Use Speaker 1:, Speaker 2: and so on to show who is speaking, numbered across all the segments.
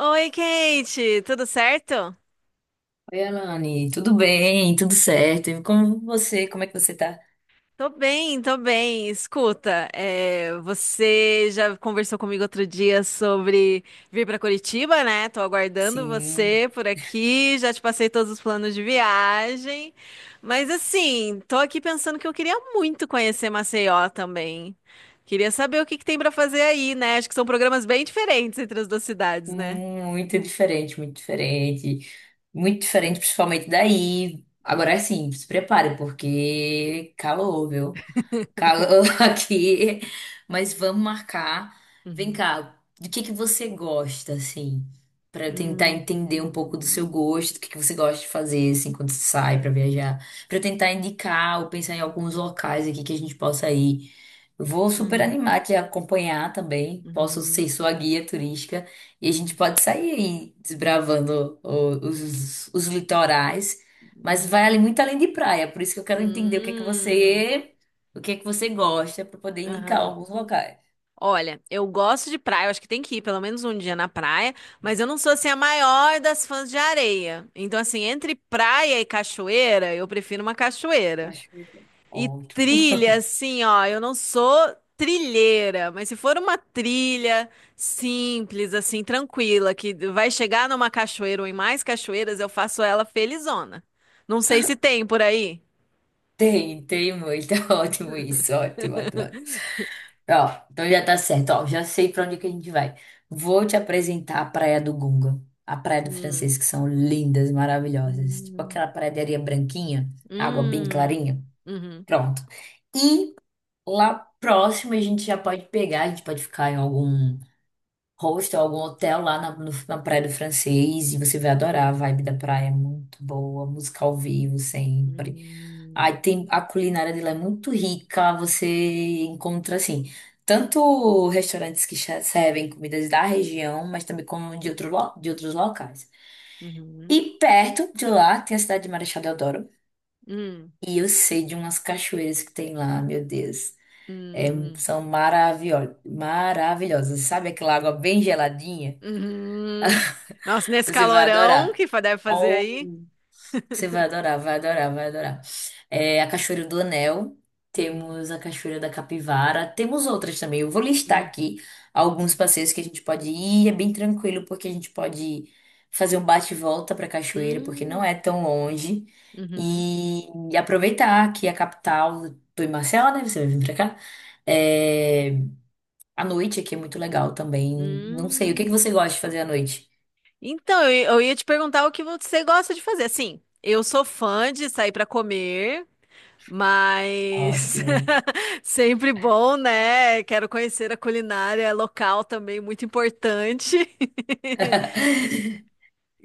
Speaker 1: Oi, Kate, tudo certo?
Speaker 2: Oi, Alane, tudo bem? Tudo certo? E como você? Como é que você tá?
Speaker 1: Tô bem, tô bem. Escuta, você já conversou comigo outro dia sobre vir pra Curitiba, né? Tô aguardando
Speaker 2: Sim,
Speaker 1: você por aqui, já te passei todos os planos de viagem. Mas assim, tô aqui pensando que eu queria muito conhecer Maceió também. Queria saber o que que tem pra fazer aí, né? Acho que são programas bem diferentes entre as duas cidades, né?
Speaker 2: muito diferente, muito diferente. Muito diferente, principalmente daí. Agora sim, se prepare, porque calor, viu? Calor aqui, mas vamos marcar. Vem
Speaker 1: Uhum.
Speaker 2: cá, do que você gosta, assim, para eu tentar
Speaker 1: Hum,
Speaker 2: entender um pouco do seu gosto, o que que você gosta de fazer, assim, quando você sai para viajar, para eu tentar indicar ou pensar em alguns locais aqui que a gente possa ir. Eu vou super
Speaker 1: uhum,
Speaker 2: animar aqui acompanhar também. Posso
Speaker 1: uhum,
Speaker 2: ser sua guia turística e a gente
Speaker 1: uhum,
Speaker 2: pode sair aí
Speaker 1: uhum.
Speaker 2: desbravando os litorais, mas vai
Speaker 1: Uhum.
Speaker 2: ali muito além de praia, por isso que eu quero entender o que é que
Speaker 1: Hum,
Speaker 2: você gosta para poder indicar
Speaker 1: aham.
Speaker 2: alguns locais?
Speaker 1: Olha, eu gosto de praia, eu acho que tem que ir pelo menos um dia na praia, mas eu não sou assim a maior das fãs de areia. Então, assim, entre praia e cachoeira, eu prefiro uma cachoeira.
Speaker 2: Cachoeira.
Speaker 1: E
Speaker 2: Ótimo.
Speaker 1: trilha, assim, ó, eu não sou trilheira, mas se for uma trilha simples, assim, tranquila, que vai chegar numa cachoeira ou em mais cachoeiras, eu faço ela felizona. Não sei se tem por aí.
Speaker 2: Tem muito. Ótimo isso. Ótimo, ótimo. Ótimo. Ó, então já tá certo. Ó, já sei para onde que a gente vai. Vou te apresentar a Praia do Gunga, a Praia do Francês, que são lindas, maravilhosas. Tipo
Speaker 1: Hum.
Speaker 2: aquela praia de areia branquinha, água bem
Speaker 1: Hum.
Speaker 2: clarinha.
Speaker 1: Uhum.
Speaker 2: Pronto. E lá próximo a gente já pode pegar, a gente pode ficar em algum hostel, algum hotel lá na, no- na Praia do Francês e você vai adorar a
Speaker 1: Uhum.
Speaker 2: vibe da praia, é muito boa, música ao vivo sempre.
Speaker 1: Hum.
Speaker 2: Aí tem a culinária dela é muito rica, você encontra assim, tanto restaurantes que servem comidas da região, mas também como de outros locais.
Speaker 1: Uhum.
Speaker 2: E perto de lá tem a cidade de Marechal Deodoro.
Speaker 1: Hum.
Speaker 2: E eu sei de umas cachoeiras que tem lá, meu Deus. É,
Speaker 1: Hum.
Speaker 2: são maravilhosas, maravilhosas. Sabe aquela água bem geladinha?
Speaker 1: Uhum. Nossa, nesse
Speaker 2: Você vai
Speaker 1: calorão
Speaker 2: adorar.
Speaker 1: que deve fazer
Speaker 2: Ou
Speaker 1: aí?
Speaker 2: você vai adorar, vai adorar, vai adorar. É, a Cachoeira do Anel,
Speaker 1: Uhum.
Speaker 2: temos a Cachoeira da Capivara, temos outras também. Eu vou listar
Speaker 1: Uhum.
Speaker 2: aqui alguns passeios que a gente pode ir, é bem tranquilo, porque a gente pode fazer um bate e volta pra cachoeira, porque não
Speaker 1: Uhum.
Speaker 2: é tão longe.
Speaker 1: Uhum.
Speaker 2: E aproveitar que é a capital do Marcela, né? Você vai vir pra cá. É, a noite aqui é muito legal também. Não sei, o que que
Speaker 1: Uhum.
Speaker 2: você gosta de fazer à noite?
Speaker 1: Então, eu ia te perguntar o que você gosta de fazer. Assim, eu sou fã de sair para comer, mas
Speaker 2: Ótimo.
Speaker 1: sempre bom, né? Quero conhecer a culinária local também, muito importante.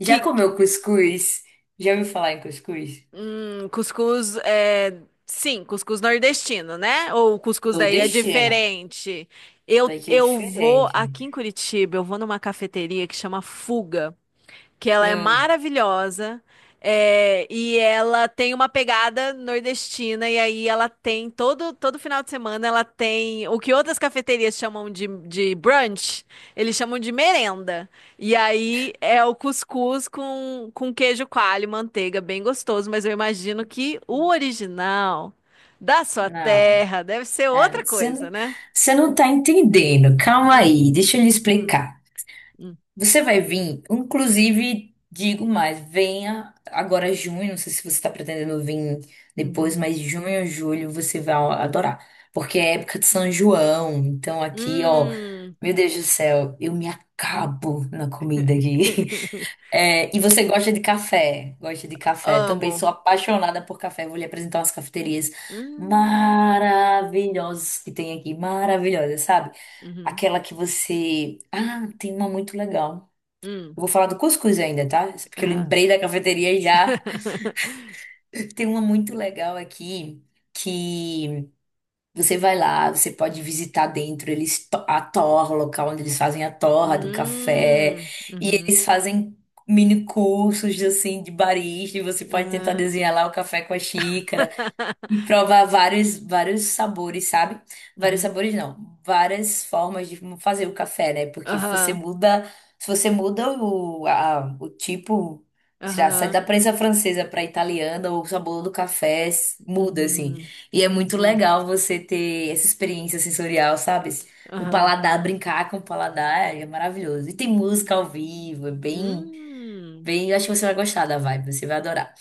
Speaker 2: Já
Speaker 1: que
Speaker 2: comeu cuscuz? Já ouviu falar em cuscuz?
Speaker 1: Cuscuz é. Sim, cuscuz nordestino, né? Ou o cuscuz daí é
Speaker 2: Nordestino.
Speaker 1: diferente. Eu,
Speaker 2: Daqui é
Speaker 1: eu vou
Speaker 2: diferente.
Speaker 1: aqui em Curitiba, eu vou numa cafeteria que chama Fuga que ela é
Speaker 2: Hum,
Speaker 1: maravilhosa, e ela tem uma pegada nordestina, e aí ela tem todo final de semana ela tem o que outras cafeterias chamam de brunch, eles chamam de merenda. E aí é o cuscuz com queijo coalho e manteiga, bem gostoso, mas eu imagino que o original da sua
Speaker 2: não.
Speaker 1: terra deve ser
Speaker 2: É,
Speaker 1: outra
Speaker 2: você
Speaker 1: coisa,
Speaker 2: não,
Speaker 1: né?
Speaker 2: você não tá entendendo. Calma
Speaker 1: Hum,
Speaker 2: aí, deixa eu lhe
Speaker 1: hum,
Speaker 2: explicar.
Speaker 1: hum,
Speaker 2: Você vai vir, inclusive, digo mais, venha agora junho, não sei se você está pretendendo vir depois,
Speaker 1: uhum.
Speaker 2: mas junho ou julho você vai adorar, porque é época de São João, então aqui, ó,
Speaker 1: Hum.
Speaker 2: meu Deus do céu, eu me acabo na comida aqui. É, e você gosta de café? Gosta de café? Também
Speaker 1: Amo.
Speaker 2: sou apaixonada por café. Vou lhe apresentar umas cafeterias
Speaker 1: Hum,
Speaker 2: maravilhosas que tem aqui, maravilhosas, sabe?
Speaker 1: uhum,
Speaker 2: Aquela que você, ah, tem uma muito legal.
Speaker 1: hum,
Speaker 2: Eu vou falar do cuscuz ainda, tá? Porque eu
Speaker 1: aham.
Speaker 2: lembrei da cafeteria já. Tem uma muito legal aqui que você vai lá, você pode visitar dentro, a torra, o local onde eles fazem a torra do café, e
Speaker 1: Uhum,
Speaker 2: eles fazem mini cursos assim de barista, e você pode tentar
Speaker 1: ah.
Speaker 2: desenhar lá o café com a xícara. E provar vários, vários sabores, sabe? Vários
Speaker 1: Uhum,
Speaker 2: sabores não, várias formas de como fazer o café, né? Porque você
Speaker 1: aham,
Speaker 2: muda, se você muda o tipo, sei lá, sai
Speaker 1: aham,
Speaker 2: da prensa francesa para italiana, o sabor do café muda, assim.
Speaker 1: uhum,
Speaker 2: E é muito
Speaker 1: sim,
Speaker 2: legal você ter essa experiência sensorial, sabe? No
Speaker 1: aham,
Speaker 2: paladar, brincar com o paladar é maravilhoso. E tem música ao vivo, é bem,
Speaker 1: hum,
Speaker 2: bem, eu acho que você vai gostar da vibe, você vai adorar.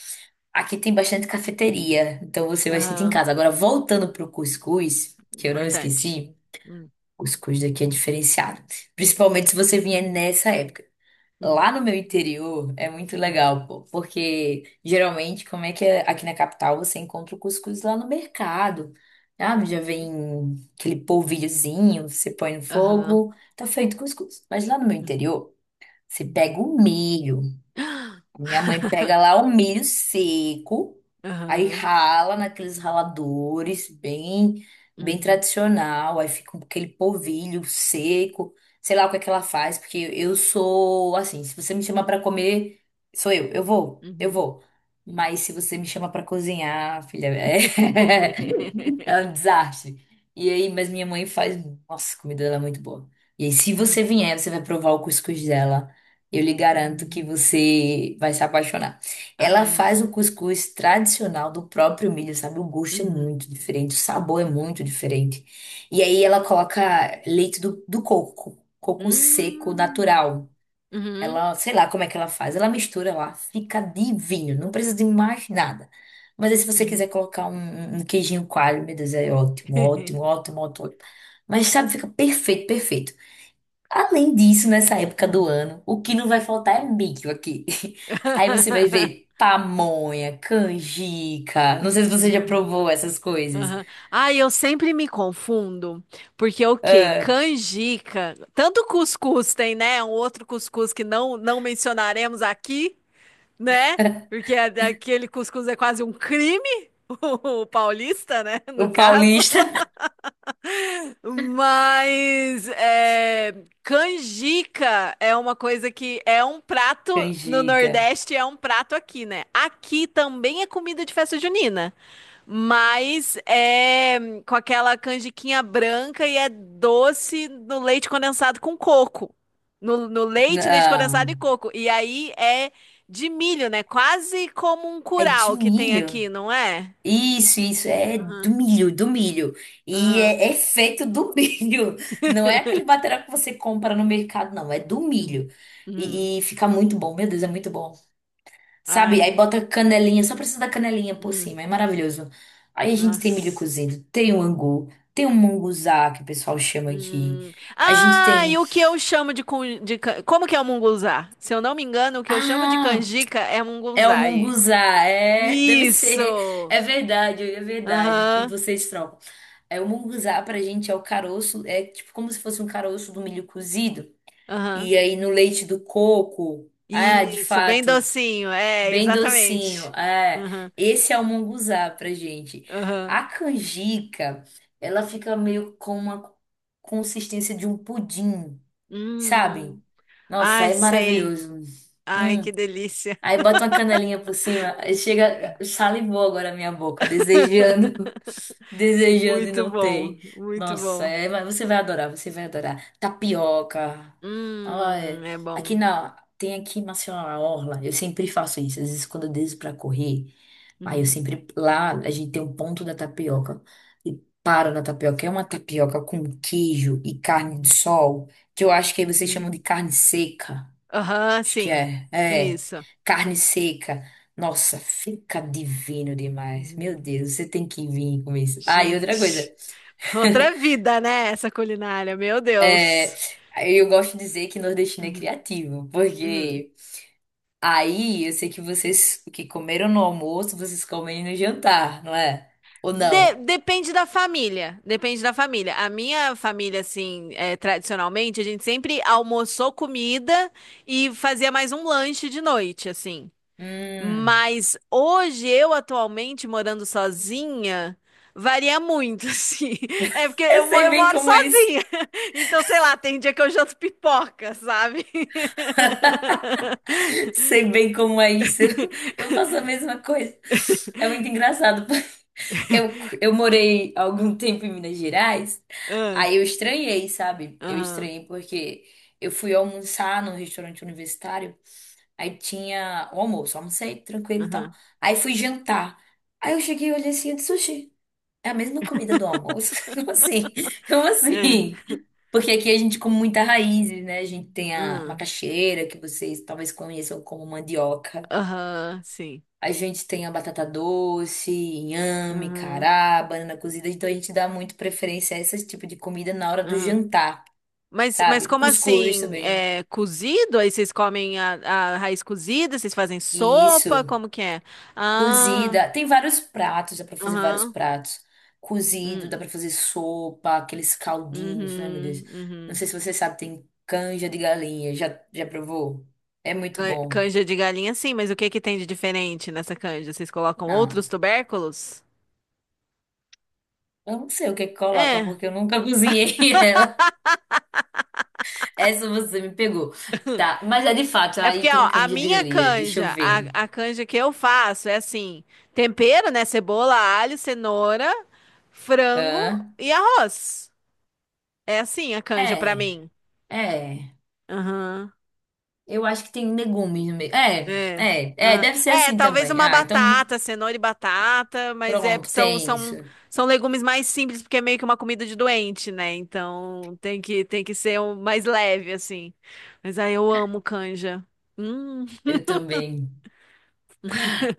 Speaker 2: Aqui tem bastante cafeteria, então você vai sentir em
Speaker 1: aham,
Speaker 2: casa. Agora, voltando pro cuscuz, que eu não
Speaker 1: importante.
Speaker 2: esqueci,
Speaker 1: Hum,
Speaker 2: o cuscuz daqui é diferenciado. Principalmente se você vier nessa época.
Speaker 1: hum,
Speaker 2: Lá no meu interior é muito legal, pô, porque geralmente, como é que é? Aqui na capital você encontra o cuscuz lá no mercado, sabe? Já vem
Speaker 1: uhum,
Speaker 2: aquele polvilhozinho, você põe no
Speaker 1: aham,
Speaker 2: fogo, tá feito cuscuz. Mas lá no meu
Speaker 1: uhum,
Speaker 2: interior, você
Speaker 1: uhum.
Speaker 2: pega o milho. Minha mãe pega lá o milho seco, aí
Speaker 1: Aham,
Speaker 2: rala naqueles raladores bem
Speaker 1: uhum,
Speaker 2: tradicional, aí fica com aquele polvilho seco, sei lá o que é que ela faz, porque eu sou assim, se você me chama pra comer, sou eu vou, eu
Speaker 1: uhum.
Speaker 2: vou. Mas se você me chama pra cozinhar, filha, é um desastre. E aí, mas minha mãe faz. Nossa, a comida dela é muito boa. E aí, se
Speaker 1: Hum,
Speaker 2: você vier, você vai provar o cuscuz dela. Eu lhe garanto que
Speaker 1: hum.
Speaker 2: você vai se apaixonar. Ela
Speaker 1: Ai,
Speaker 2: faz o
Speaker 1: gente.
Speaker 2: cuscuz tradicional do próprio milho, sabe? O gosto é
Speaker 1: Uhum.
Speaker 2: muito diferente, o sabor é muito diferente. E aí, ela coloca leite do coco, coco seco
Speaker 1: Hum.
Speaker 2: natural.
Speaker 1: Uhum.
Speaker 2: Ela, sei lá como é que ela faz. Ela mistura lá, fica divino, não precisa de mais nada. Mas aí, se você
Speaker 1: Uhum.
Speaker 2: quiser colocar um queijinho coalho, meu Deus, é ótimo, ótimo, ótimo, ótimo. Mas sabe, fica perfeito, perfeito. Além disso, nessa época do
Speaker 1: Uhum.
Speaker 2: ano, o que não vai faltar é milho aqui. Aí você vai ver pamonha, canjica. Não sei se você já
Speaker 1: Uhum.
Speaker 2: provou essas coisas.
Speaker 1: Uhum. Ai, eu sempre me confundo, porque o quê?
Speaker 2: Ah,
Speaker 1: Canjica, tanto cuscuz tem, né? Um outro cuscuz que não mencionaremos aqui, né? Porque aquele cuscuz é quase um crime, o paulista, né?
Speaker 2: o
Speaker 1: No caso.
Speaker 2: paulista,
Speaker 1: Mas canjica é uma coisa que é um prato no
Speaker 2: canjica.
Speaker 1: Nordeste, é um prato aqui, né? Aqui também é comida de festa junina, mas é com aquela canjiquinha branca e é doce no leite condensado com coco. No leite condensado e
Speaker 2: Não,
Speaker 1: coco. E aí é de milho, né? Quase como um
Speaker 2: é de
Speaker 1: curau que tem aqui,
Speaker 2: milho.
Speaker 1: não é?
Speaker 2: Isso, é do
Speaker 1: Aham,
Speaker 2: milho, do milho. E
Speaker 1: aham.
Speaker 2: é feito do milho. Não é aquele baterá que você compra no mercado, não. É do milho.
Speaker 1: Uhum.
Speaker 2: E fica muito bom, meu Deus, é muito bom. Sabe? Aí
Speaker 1: Ai,
Speaker 2: bota canelinha, só precisa da canelinha por
Speaker 1: hum,
Speaker 2: cima, é maravilhoso. Aí a gente tem milho
Speaker 1: nossa.
Speaker 2: cozido, tem o angu, tem o munguzá, que o pessoal chama aqui.
Speaker 1: Hum.
Speaker 2: A gente
Speaker 1: Ah, e
Speaker 2: tem.
Speaker 1: o que eu chamo de. Como que é o munguzá? Se eu não me engano, o que eu chamo de
Speaker 2: Ah!
Speaker 1: canjica é
Speaker 2: É o
Speaker 1: mungunzai.
Speaker 2: munguzá, é, deve ser,
Speaker 1: Isso!
Speaker 2: é verdade, o que
Speaker 1: Aham,
Speaker 2: vocês trocam. É, o munguzá pra gente é o caroço, é tipo como se fosse um caroço do milho cozido,
Speaker 1: aham.
Speaker 2: e aí no leite do coco, ah, de
Speaker 1: Isso, bem
Speaker 2: fato,
Speaker 1: docinho. É,
Speaker 2: bem docinho,
Speaker 1: exatamente.
Speaker 2: é,
Speaker 1: Aham,
Speaker 2: esse é o munguzá pra gente.
Speaker 1: aham.
Speaker 2: A canjica, ela fica meio com uma consistência de um pudim, sabe?
Speaker 1: Hum.
Speaker 2: Nossa,
Speaker 1: Ai,
Speaker 2: é
Speaker 1: sei.
Speaker 2: maravilhoso.
Speaker 1: Ai,
Speaker 2: Hum.
Speaker 1: que delícia.
Speaker 2: Aí bota uma canelinha por cima. Aí chega, salivou agora a minha boca, desejando, desejando e
Speaker 1: Muito
Speaker 2: não
Speaker 1: bom,
Speaker 2: tem.
Speaker 1: muito
Speaker 2: Nossa,
Speaker 1: bom.
Speaker 2: é, mas você vai adorar, você vai adorar. Tapioca. Ah, é.
Speaker 1: É
Speaker 2: Aqui
Speaker 1: bom.
Speaker 2: na, Tem aqui em Maceió na Orla, eu sempre faço isso. Às vezes quando eu desço pra correr, aí eu
Speaker 1: Uhum,
Speaker 2: sempre, lá a gente tem um ponto da tapioca. E paro na tapioca. É uma tapioca com queijo e carne
Speaker 1: uhum.
Speaker 2: de sol, que eu acho que aí vocês chamam de
Speaker 1: Uhum.
Speaker 2: carne seca.
Speaker 1: Aham,
Speaker 2: Acho que
Speaker 1: sim.
Speaker 2: é. É.
Speaker 1: Isso.
Speaker 2: Carne seca. Nossa, fica divino demais. Meu
Speaker 1: Hum,
Speaker 2: Deus, você tem que vir com isso. Ah, e
Speaker 1: gente,
Speaker 2: outra coisa.
Speaker 1: outra vida, né? Essa culinária, meu
Speaker 2: É,
Speaker 1: Deus.
Speaker 2: eu gosto de dizer que nordestino é
Speaker 1: Uhum,
Speaker 2: criativo,
Speaker 1: uhum.
Speaker 2: porque aí eu sei que vocês que comeram no almoço, vocês comem no jantar, não é? Ou
Speaker 1: De-
Speaker 2: não?
Speaker 1: depende da família. Depende da família. A minha família, assim, tradicionalmente, a gente sempre almoçou comida e fazia mais um lanche de noite, assim.
Speaker 2: Hum,
Speaker 1: Mas hoje, eu atualmente morando sozinha, varia muito, assim. É porque
Speaker 2: eu
Speaker 1: eu, mo-
Speaker 2: sei
Speaker 1: eu
Speaker 2: bem
Speaker 1: moro
Speaker 2: como é
Speaker 1: sozinha. Então, sei lá, tem dia que eu janto pipoca, sabe?
Speaker 2: Sei bem como é isso. Eu faço a mesma coisa. É muito engraçado. Eu morei algum tempo em Minas Gerais,
Speaker 1: Ah,
Speaker 2: aí eu estranhei, sabe? Eu
Speaker 1: aham,
Speaker 2: estranhei porque eu fui almoçar num restaurante universitário, aí tinha o almoço, almocei tranquilo e tal.
Speaker 1: aham,
Speaker 2: Aí fui jantar. Aí eu cheguei e olhei assim, eu disse, sushi. É a mesma comida do almoço. Como assim? Como
Speaker 1: é,
Speaker 2: assim? Porque aqui a gente come muita raiz, né? A gente tem a
Speaker 1: hum,
Speaker 2: macaxeira, que vocês talvez conheçam como mandioca.
Speaker 1: aham, sim.
Speaker 2: A gente tem a batata doce, inhame,
Speaker 1: Aham,
Speaker 2: cará, banana cozida. Então a gente dá muito preferência a esse tipo de comida na hora do
Speaker 1: aham.
Speaker 2: jantar,
Speaker 1: Mas
Speaker 2: sabe? O
Speaker 1: como
Speaker 2: cuscuz
Speaker 1: assim?
Speaker 2: também.
Speaker 1: É cozido? Aí vocês comem a raiz cozida? Vocês fazem
Speaker 2: E
Speaker 1: sopa?
Speaker 2: isso.
Speaker 1: Como que é? Ah,
Speaker 2: Cozida. Tem vários pratos, dá pra fazer vários
Speaker 1: aham.
Speaker 2: pratos. Cozido, dá
Speaker 1: Hum.
Speaker 2: pra fazer sopa, aqueles caldinhos, né, meu Deus?
Speaker 1: Uhum,
Speaker 2: Não
Speaker 1: uhum.
Speaker 2: sei se você sabe, tem canja de galinha. Já provou? É muito
Speaker 1: Can-
Speaker 2: bom.
Speaker 1: Canja de galinha, sim, mas o que que tem de diferente nessa canja? Vocês colocam
Speaker 2: Não,
Speaker 1: outros tubérculos?
Speaker 2: eu não sei o que que coloca,
Speaker 1: É.
Speaker 2: porque eu nunca cozinhei ela. Essa você me pegou. Tá, mas é de fato,
Speaker 1: É
Speaker 2: aí
Speaker 1: porque,
Speaker 2: tem
Speaker 1: ó, a
Speaker 2: canja de
Speaker 1: minha
Speaker 2: galinha. Deixa eu
Speaker 1: canja, a,
Speaker 2: ver.
Speaker 1: a canja que eu faço é assim: tempero, né? Cebola, alho, cenoura, frango
Speaker 2: Hã?
Speaker 1: e arroz. É assim a canja pra
Speaker 2: É,
Speaker 1: mim.
Speaker 2: é. Eu acho que tem legumes no meio. É,
Speaker 1: É.
Speaker 2: é, é,
Speaker 1: Aham.
Speaker 2: deve ser
Speaker 1: É,
Speaker 2: assim
Speaker 1: talvez
Speaker 2: também.
Speaker 1: uma
Speaker 2: Ah, então
Speaker 1: batata, cenoura e batata, mas
Speaker 2: pronto,
Speaker 1: são,
Speaker 2: tem
Speaker 1: são,
Speaker 2: isso.
Speaker 1: são legumes mais simples, porque é meio que uma comida de doente, né? Então tem que ser um mais leve, assim. Mas aí eu amo canja. Hum.
Speaker 2: Eu também.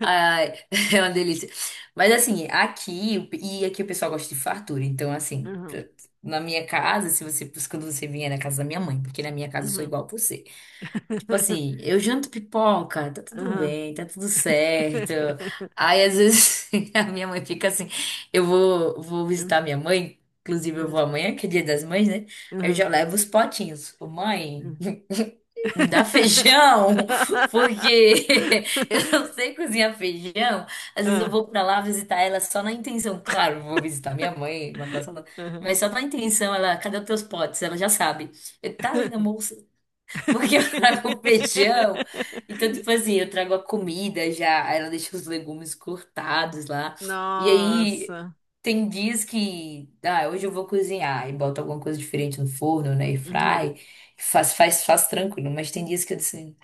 Speaker 2: Ai, é uma delícia. Mas assim, aqui o pessoal gosta de fartura. Então, assim,
Speaker 1: Uhum.
Speaker 2: na minha casa, se você, quando você vier na casa da minha mãe, porque na minha casa eu sou
Speaker 1: Uhum.
Speaker 2: igual a você. Tipo assim, eu janto pipoca, tá tudo
Speaker 1: Uhum.
Speaker 2: bem, tá tudo certo. Aí, às vezes, a minha mãe fica assim, eu vou visitar
Speaker 1: Uhum.
Speaker 2: minha mãe, inclusive eu vou
Speaker 1: Uhum.
Speaker 2: amanhã, que é dia das mães, né? Eu já
Speaker 1: Uhum.
Speaker 2: levo os potinhos. Ô, mãe.
Speaker 1: Uhum.
Speaker 2: Me dá feijão, porque eu não sei cozinhar feijão. Às vezes eu
Speaker 1: Ah.
Speaker 2: vou pra lá visitar ela só na intenção. Claro, vou visitar minha mãe, matar saudade.
Speaker 1: Uhum.
Speaker 2: Mas só na intenção, ela, cadê os teus potes? Ela já sabe. Tá ali na porque eu trago o feijão. Então, tipo assim, eu trago a comida já. Aí ela deixa os legumes cortados lá. E aí,
Speaker 1: Nossa.
Speaker 2: tem dias que. Ah, hoje eu vou cozinhar. E boto alguma coisa diferente no forno, né? E fry.
Speaker 1: Uhum.
Speaker 2: Faz tranquilo. Mas tem dias que eu assim.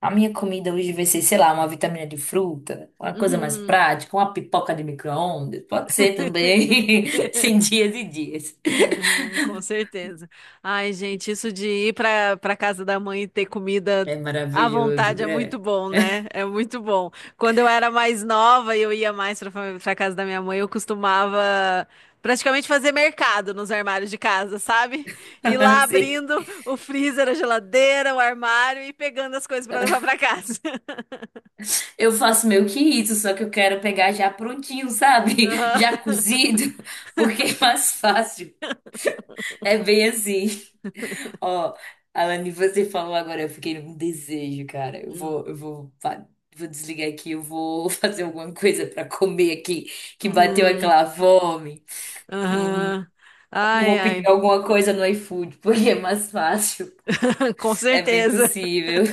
Speaker 2: A minha comida hoje vai ser, sei lá, uma vitamina de fruta, uma coisa mais
Speaker 1: Uhum.
Speaker 2: prática, uma pipoca de micro-ondas. Pode ser também. Tem dias e dias.
Speaker 1: Com certeza. Ai, gente, isso de ir para casa da mãe e ter comida
Speaker 2: É
Speaker 1: à
Speaker 2: maravilhoso,
Speaker 1: vontade é muito
Speaker 2: né?
Speaker 1: bom, né? É muito bom. Quando eu era mais nova e eu ia mais para casa da minha mãe, eu costumava praticamente fazer mercado nos armários de casa, sabe? Ir lá
Speaker 2: Sim.
Speaker 1: abrindo o freezer, a geladeira, o armário e pegando as coisas para levar para casa.
Speaker 2: Eu faço meio que isso, só que eu quero pegar já prontinho, sabe?
Speaker 1: Aham.
Speaker 2: Já cozido, porque é mais fácil. É bem assim. Ó, Alane, você falou agora, eu fiquei num desejo, cara. Eu
Speaker 1: Hum.
Speaker 2: vou, eu vou, pa- vou desligar aqui, eu vou fazer alguma coisa pra comer aqui, que bateu
Speaker 1: Uhum.
Speaker 2: aquela fome. Eu
Speaker 1: Aham. Ai,
Speaker 2: vou pedir
Speaker 1: ai.
Speaker 2: alguma coisa no iFood, porque é mais fácil.
Speaker 1: Com
Speaker 2: É bem
Speaker 1: certeza.
Speaker 2: possível.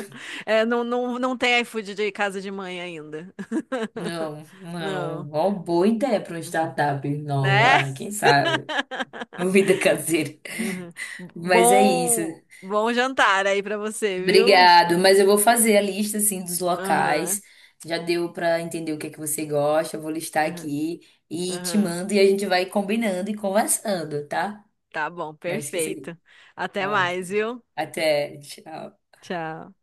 Speaker 1: É, não, não, não tem iFood de casa de mãe ainda.
Speaker 2: Não,
Speaker 1: Não.
Speaker 2: não. Ó, boa ideia pra uma
Speaker 1: Uhum.
Speaker 2: startup nova.
Speaker 1: Né?
Speaker 2: Ah, quem sabe? Comida caseira.
Speaker 1: Uhum.
Speaker 2: Mas é isso.
Speaker 1: Bom, bom jantar aí pra você, viu?
Speaker 2: Obrigado. Mas eu vou fazer a lista, assim, dos
Speaker 1: Aham.
Speaker 2: locais. Já deu para entender o que é que você gosta. Eu vou listar
Speaker 1: Aham.
Speaker 2: aqui e te
Speaker 1: Aham.
Speaker 2: mando e a gente vai combinando e conversando, tá?
Speaker 1: Tá bom,
Speaker 2: Não esqueceria.
Speaker 1: perfeito. Até mais,
Speaker 2: Ótimo.
Speaker 1: viu?
Speaker 2: Até. Tchau.
Speaker 1: Tchau.